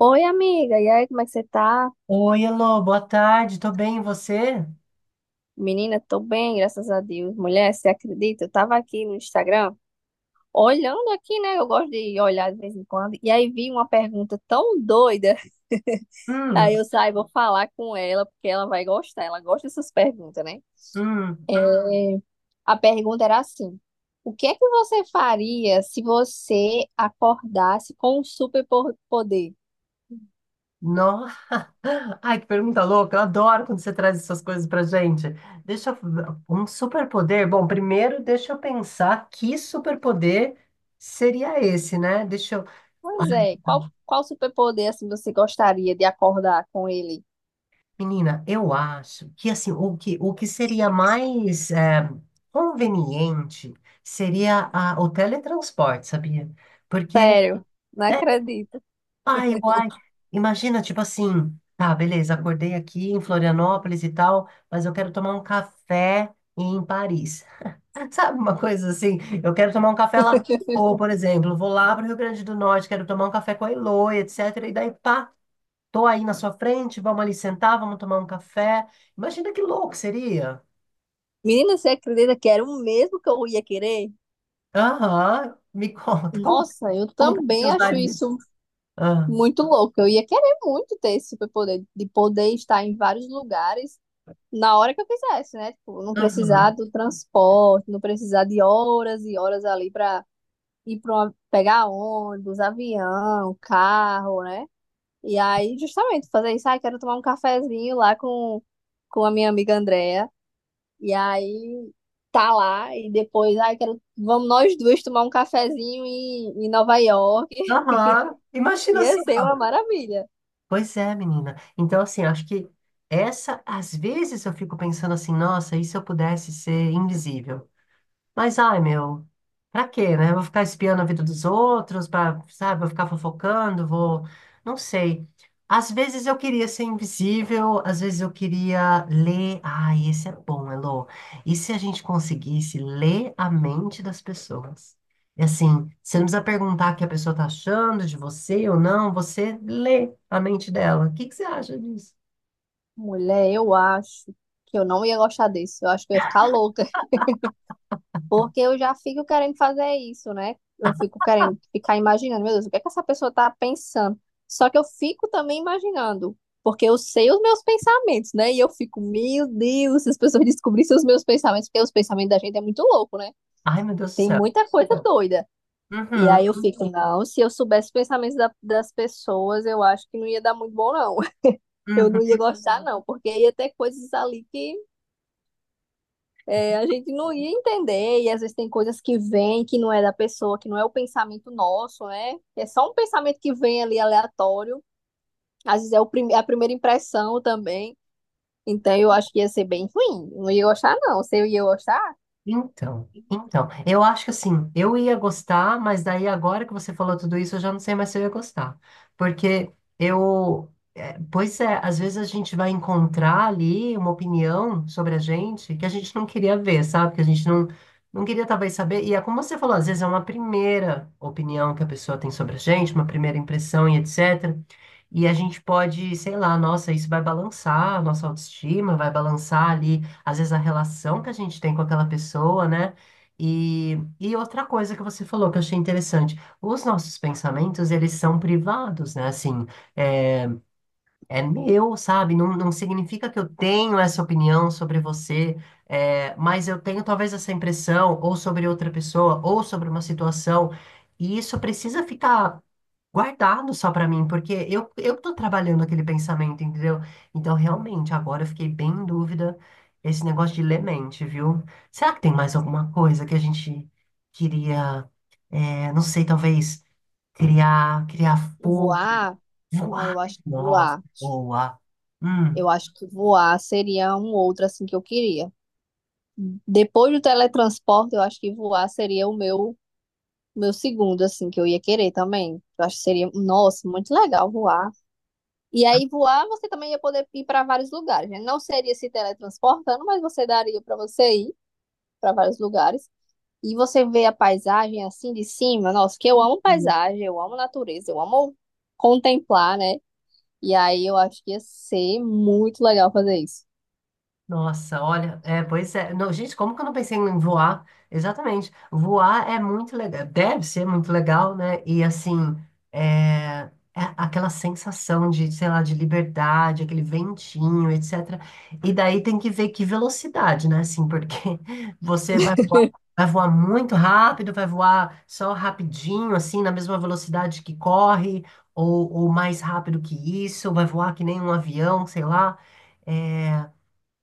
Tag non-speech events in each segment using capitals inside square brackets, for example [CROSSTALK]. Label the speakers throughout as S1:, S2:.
S1: Oi, amiga. E aí, como é que você tá?
S2: Oi, Elô, boa tarde, tô bem, e você?
S1: Menina, tô bem, graças a Deus. Mulher, você acredita? Eu tava aqui no Instagram, olhando aqui, né? Eu gosto de olhar de vez em quando. E aí vi uma pergunta tão doida. [LAUGHS] Aí
S2: Hum,
S1: eu saí, vou falar com ela, porque ela vai gostar. Ela gosta dessas perguntas, né?
S2: hum,
S1: É, a pergunta era assim: o que é que você faria se você acordasse com um superpoder?
S2: nossa, ai, que pergunta louca, eu adoro quando você traz essas coisas pra gente. Deixa eu, um superpoder, bom, primeiro deixa eu pensar que superpoder seria esse, né? Deixa eu,
S1: Pois
S2: ai,
S1: é, qual superpoder assim você gostaria de acordar com ele?
S2: menina, eu acho que assim, o que seria mais conveniente seria o teletransporte, sabia? Porque
S1: Sério, não acredito.
S2: ai, uai. Imagina, tipo assim, tá, beleza, acordei aqui em Florianópolis e tal, mas eu quero tomar um café em Paris. [LAUGHS] Sabe uma coisa assim? Eu quero tomar um café lá com a Elô,
S1: [LAUGHS]
S2: por exemplo. Vou lá pro Rio Grande do Norte, quero tomar um café com a Elô, etc. E daí, pá, tô aí na sua frente, vamos ali sentar, vamos tomar um café. Imagina que louco seria.
S1: Menina, você acredita que era o mesmo que eu ia querer?
S2: Aham, me [LAUGHS] conta, como,
S1: Nossa, eu
S2: como que você
S1: também acho
S2: usaria?
S1: isso
S2: Ah,
S1: muito louco. Eu ia querer muito ter esse superpoder, de poder estar em vários lugares na hora que eu quisesse, né? Tipo, não precisar
S2: aham,
S1: do transporte, não precisar de horas e horas ali pra ir para uma, pegar ônibus, avião, carro, né? E aí, justamente, fazer isso, ah, quero tomar um cafezinho lá com a minha amiga Andrea. E aí tá lá e depois, ai, quero, vamos nós duas tomar um cafezinho em, em Nova York.
S2: aham, imagina
S1: Ia
S2: só.
S1: ser uma maravilha.
S2: Pois é, menina. Então, assim, acho que essa, às vezes eu fico pensando assim, nossa, e se eu pudesse ser invisível? Mas, ai, meu, pra quê, né? Vou ficar espiando a vida dos outros, pra, sabe? Vou ficar fofocando, vou. Não sei. Às vezes eu queria ser invisível, às vezes eu queria ler. Ai, esse é bom, Elô. E se a gente conseguisse ler a mente das pessoas? E assim, você não precisa perguntar o que a pessoa tá achando de você ou não, você lê a mente dela. O que que você acha disso?
S1: Mulher, eu acho que eu não ia gostar disso. Eu acho que eu ia ficar louca, porque eu já fico querendo fazer isso, né? Eu fico querendo ficar imaginando, meu Deus, o que é que essa pessoa tá pensando? Só que eu fico também imaginando, porque eu sei os meus pensamentos, né? E eu fico, meu Deus, se as pessoas descobrissem os meus pensamentos, porque os pensamentos da gente é muito louco, né?
S2: Ai, meu Deus do
S1: Tem
S2: céu.
S1: muita coisa doida. E
S2: Uhum,
S1: aí eu fico, não, se eu soubesse os pensamentos das pessoas, eu acho que não ia dar muito bom, não. [LAUGHS] Eu não
S2: uhum.
S1: ia gostar, não, porque ia ter coisas ali que é, a gente não ia entender, e às vezes tem coisas que vêm que não é da pessoa, que não é o pensamento nosso, né? É só um pensamento que vem ali aleatório. Às vezes é o a primeira impressão também. Então eu acho que ia ser bem ruim. Não ia gostar, não. Se eu ia gostar,
S2: Então, então, eu acho que assim, eu ia gostar, mas daí agora que você falou tudo isso, eu já não sei mais se eu ia gostar. Porque eu, é, pois é, às vezes a gente vai encontrar ali uma opinião sobre a gente que a gente não queria ver, sabe? Que a gente não, não queria talvez saber. E é como você falou, às vezes é uma primeira opinião que a pessoa tem sobre a gente, uma primeira impressão e etc. E a gente pode, sei lá, nossa, isso vai balançar a nossa autoestima, vai balançar ali, às vezes, a relação que a gente tem com aquela pessoa, né? E outra coisa que você falou que eu achei interessante, os nossos pensamentos, eles são privados, né? Assim, é é meu, sabe? Não, não significa que eu tenho essa opinião sobre você, é, mas eu tenho talvez essa impressão, ou sobre outra pessoa, ou sobre uma situação, e isso precisa ficar guardado só pra mim, porque eu tô trabalhando aquele pensamento, entendeu? Então, realmente, agora eu fiquei bem em dúvida esse negócio de ler mente, viu? Será que tem mais alguma coisa que a gente queria, é, não sei, talvez criar fogo,
S1: voar. Não,
S2: voar?
S1: eu acho que
S2: Nossa,
S1: voar.
S2: boa.
S1: Eu
S2: Hum.
S1: acho que voar seria um outro assim que eu queria. Depois do teletransporte, eu acho que voar seria o meu. Meu segundo, assim, que eu ia querer também. Eu acho que seria, nossa, muito legal voar. E aí, voar, você também ia poder ir para vários lugares, né? Não seria se teletransportando, mas você daria para você ir para vários lugares. E você vê a paisagem assim de cima. Nossa, que eu amo paisagem, eu amo natureza, eu amo contemplar, né? E aí, eu acho que ia ser muito legal fazer isso.
S2: Nossa, olha, é, pois é. Não, gente, como que eu não pensei em voar? Exatamente. Voar é muito legal, deve ser muito legal, né? E assim, é, é aquela sensação de, sei lá, de liberdade, aquele ventinho, etc. E daí tem que ver que velocidade, né? Assim, porque [LAUGHS] você vai voar muito rápido, vai voar só rapidinho, assim, na mesma velocidade que corre, ou mais rápido que isso, vai voar que nem um avião, sei lá. É,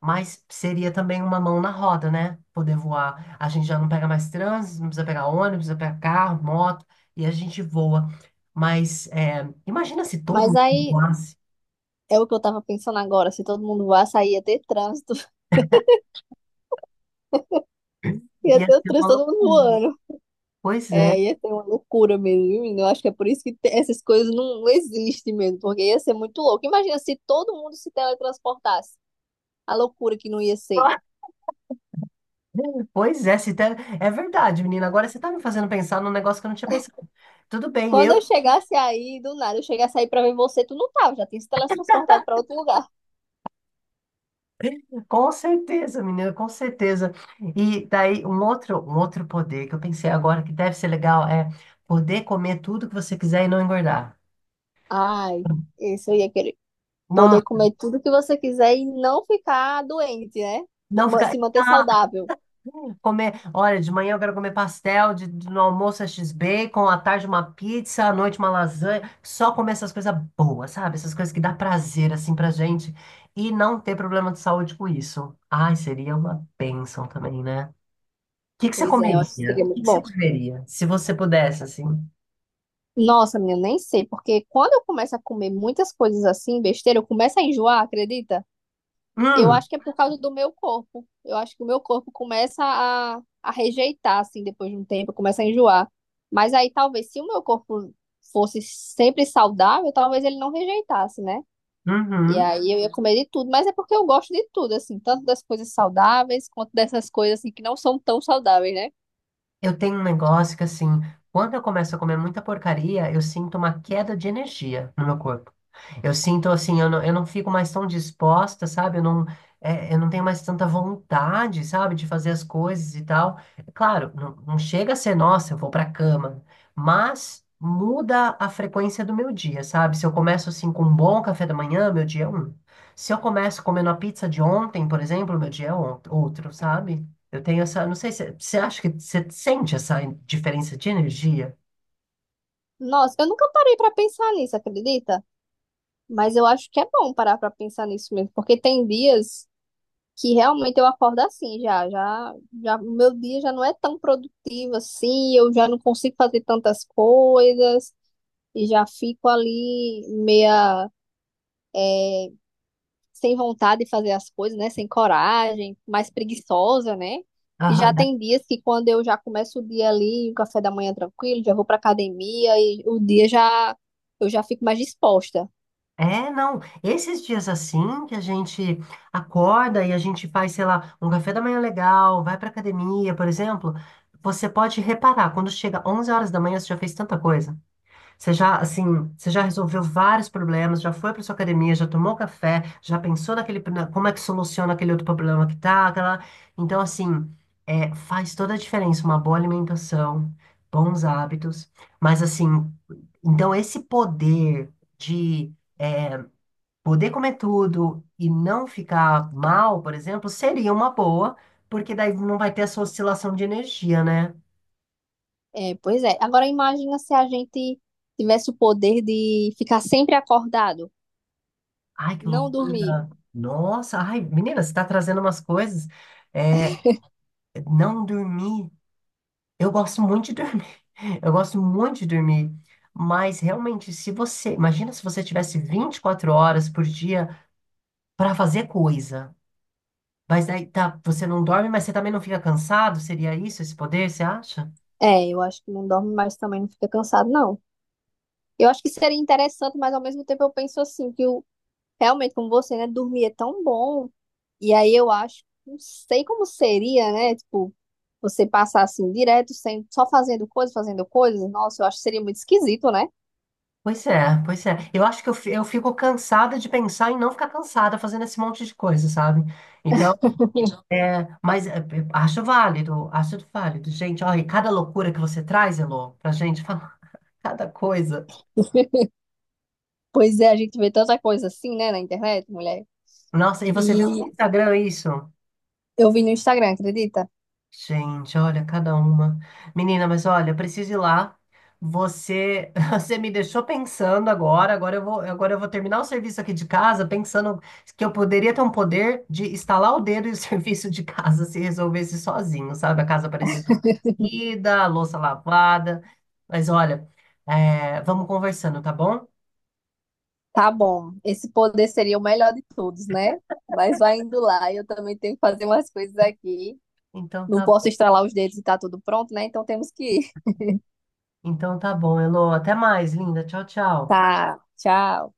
S2: mas seria também uma mão na roda, né? Poder voar. A gente já não pega mais trânsito, não precisa pegar ônibus, não precisa pegar carro, moto, e a gente voa. Mas é, imagina se todo
S1: Mas
S2: mundo
S1: aí,
S2: voasse,
S1: é o que eu tava pensando agora: se todo mundo voasse, aí ia ter trânsito. [LAUGHS] Ia
S2: ia
S1: ter o
S2: ser uma
S1: trânsito todo mundo
S2: loucura, né?
S1: voando.
S2: Pois
S1: É,
S2: é.
S1: ia ser uma loucura mesmo, viu, menino? Eu acho que é por isso que essas coisas não existem mesmo, porque ia ser muito louco. Imagina se todo mundo se teletransportasse, a loucura que não ia ser.
S2: [LAUGHS] Pois é, se te- é verdade, menina. Agora você tá me fazendo pensar num negócio que eu não tinha pensado. Tudo bem,
S1: Quando
S2: eu
S1: eu chegasse aí, do nada, eu chegasse aí pra ver você, tu não tava, já tinha se teletransportado pra outro lugar.
S2: [LAUGHS] com certeza, menina, com certeza. E daí um outro poder que eu pensei agora que deve ser legal é poder comer tudo que você quiser e não engordar.
S1: Ai, isso eu ia querer. Poder comer tudo que você quiser e não ficar doente, né?
S2: Não ficar.
S1: Se manter
S2: Ah,
S1: saudável.
S2: comer. Olha, de manhã eu quero comer pastel, no almoço é X-Bacon, à tarde uma pizza, à noite uma lasanha. Só comer essas coisas boas, sabe? Essas coisas que dá prazer, assim, pra gente. E não ter problema de saúde com isso. Ai, seria uma bênção também, né? O que que você
S1: Pois é, eu acho que
S2: comeria?
S1: seria
S2: O que
S1: muito
S2: que
S1: bom.
S2: você comeria? Se você pudesse, assim.
S1: Nossa, menina, nem sei, porque quando eu começo a comer muitas coisas assim, besteira, eu começo a enjoar, acredita? Eu
S2: Hum,
S1: acho que é por causa do meu corpo. Eu acho que o meu corpo começa a rejeitar, assim, depois de um tempo, começa a enjoar. Mas aí talvez se o meu corpo fosse sempre saudável, talvez ele não rejeitasse, né? E
S2: uhum.
S1: aí eu ia comer de tudo, mas é porque eu gosto de tudo, assim, tanto das coisas saudáveis quanto dessas coisas assim que não são tão saudáveis, né?
S2: Eu tenho um negócio que, assim, quando eu começo a comer muita porcaria, eu sinto uma queda de energia no meu corpo. Eu sinto, assim, eu não fico mais tão disposta, sabe? Eu não, é, eu não tenho mais tanta vontade, sabe, de fazer as coisas e tal. Claro, não chega a ser, nossa, eu vou pra cama, mas muda a frequência do meu dia, sabe? Se eu começo, assim, com um bom café da manhã, meu dia é um. Se eu começo comendo a pizza de ontem, por exemplo, meu dia é outro, sabe? Eu tenho essa. Não sei se você acha que você sente essa diferença de energia.
S1: Nossa, eu nunca parei pra pensar nisso, acredita? Mas eu acho que é bom parar pra pensar nisso mesmo, porque tem dias que realmente eu acordo assim já, o meu dia já não é tão produtivo assim, eu já não consigo fazer tantas coisas e já fico ali meia é, sem vontade de fazer as coisas, né, sem coragem, mais preguiçosa, né? E já
S2: Aham,
S1: tem dias que quando eu já começo o dia ali, o café da manhã tranquilo, já vou para academia e o dia já eu já fico mais disposta.
S2: é, não. Esses dias assim que a gente acorda e a gente faz, sei lá, um café da manhã legal, vai pra academia, por exemplo, você pode reparar, quando chega 11 horas da manhã, você já fez tanta coisa. Você já, assim, você já resolveu vários problemas, já foi para sua academia, já tomou café, já pensou naquele, como é que soluciona aquele outro problema que tá, aquela... Então, assim, é, faz toda a diferença uma boa alimentação, bons hábitos, mas, assim, então esse poder de poder comer tudo e não ficar mal, por exemplo, seria uma boa, porque daí não vai ter essa oscilação de energia, né?
S1: É, pois é. Agora imagina se a gente tivesse o poder de ficar sempre acordado.
S2: Ai, que
S1: Não dormir.
S2: loucura! Nossa, ai, menina, você está trazendo umas coisas. É, não dormir. Eu gosto muito de dormir. [LAUGHS] Eu gosto muito de dormir. Mas realmente, se você. Imagina se você tivesse 24 horas por dia para fazer coisa. Mas daí tá, você não dorme, mas você também não fica cansado? Seria isso, esse poder, você acha?
S1: É, eu acho que não dorme, mas também não fica cansado, não. Eu acho que seria interessante, mas ao mesmo tempo eu penso assim, que realmente, como você, né, dormir é tão bom. E aí eu acho, não sei como seria, né? Tipo, você passar assim direto, sem, só fazendo coisas, fazendo coisas. Nossa, eu acho que seria muito esquisito, né?
S2: Pois é, pois é. Eu acho que eu, eu fico cansada de pensar em não ficar cansada fazendo esse monte de coisa, sabe? Então
S1: [LAUGHS]
S2: é, mas é, acho válido, acho válido. Gente, olha, e cada loucura que você traz, Elô, pra gente falar [LAUGHS] cada coisa.
S1: Pois é, a gente vê tanta coisa assim, né, na internet, mulher.
S2: Nossa, e você vê no
S1: E
S2: Instagram isso?
S1: eu vi no Instagram, acredita?
S2: Gente, olha, cada uma. Menina, mas olha, eu preciso ir lá. Você, [LAUGHS] você me deixou pensando agora. Agora eu vou terminar o serviço aqui de casa, pensando que eu poderia ter um poder de estalar o dedo e o [LAUGHS] serviço de casa se resolvesse sozinho, sabe? A casa parecesse ida, a louça lavada. Mas olha, é, vamos conversando, tá bom?
S1: Tá bom, esse poder seria o melhor de todos, né? Mas vai indo lá, eu também tenho que fazer umas coisas aqui.
S2: Então
S1: Não
S2: tá
S1: posso
S2: bom.
S1: estralar os dedos e tá tudo pronto, né? Então temos que ir.
S2: Então tá bom, Elô. Até mais, linda. Tchau, tchau.
S1: Tá, tchau.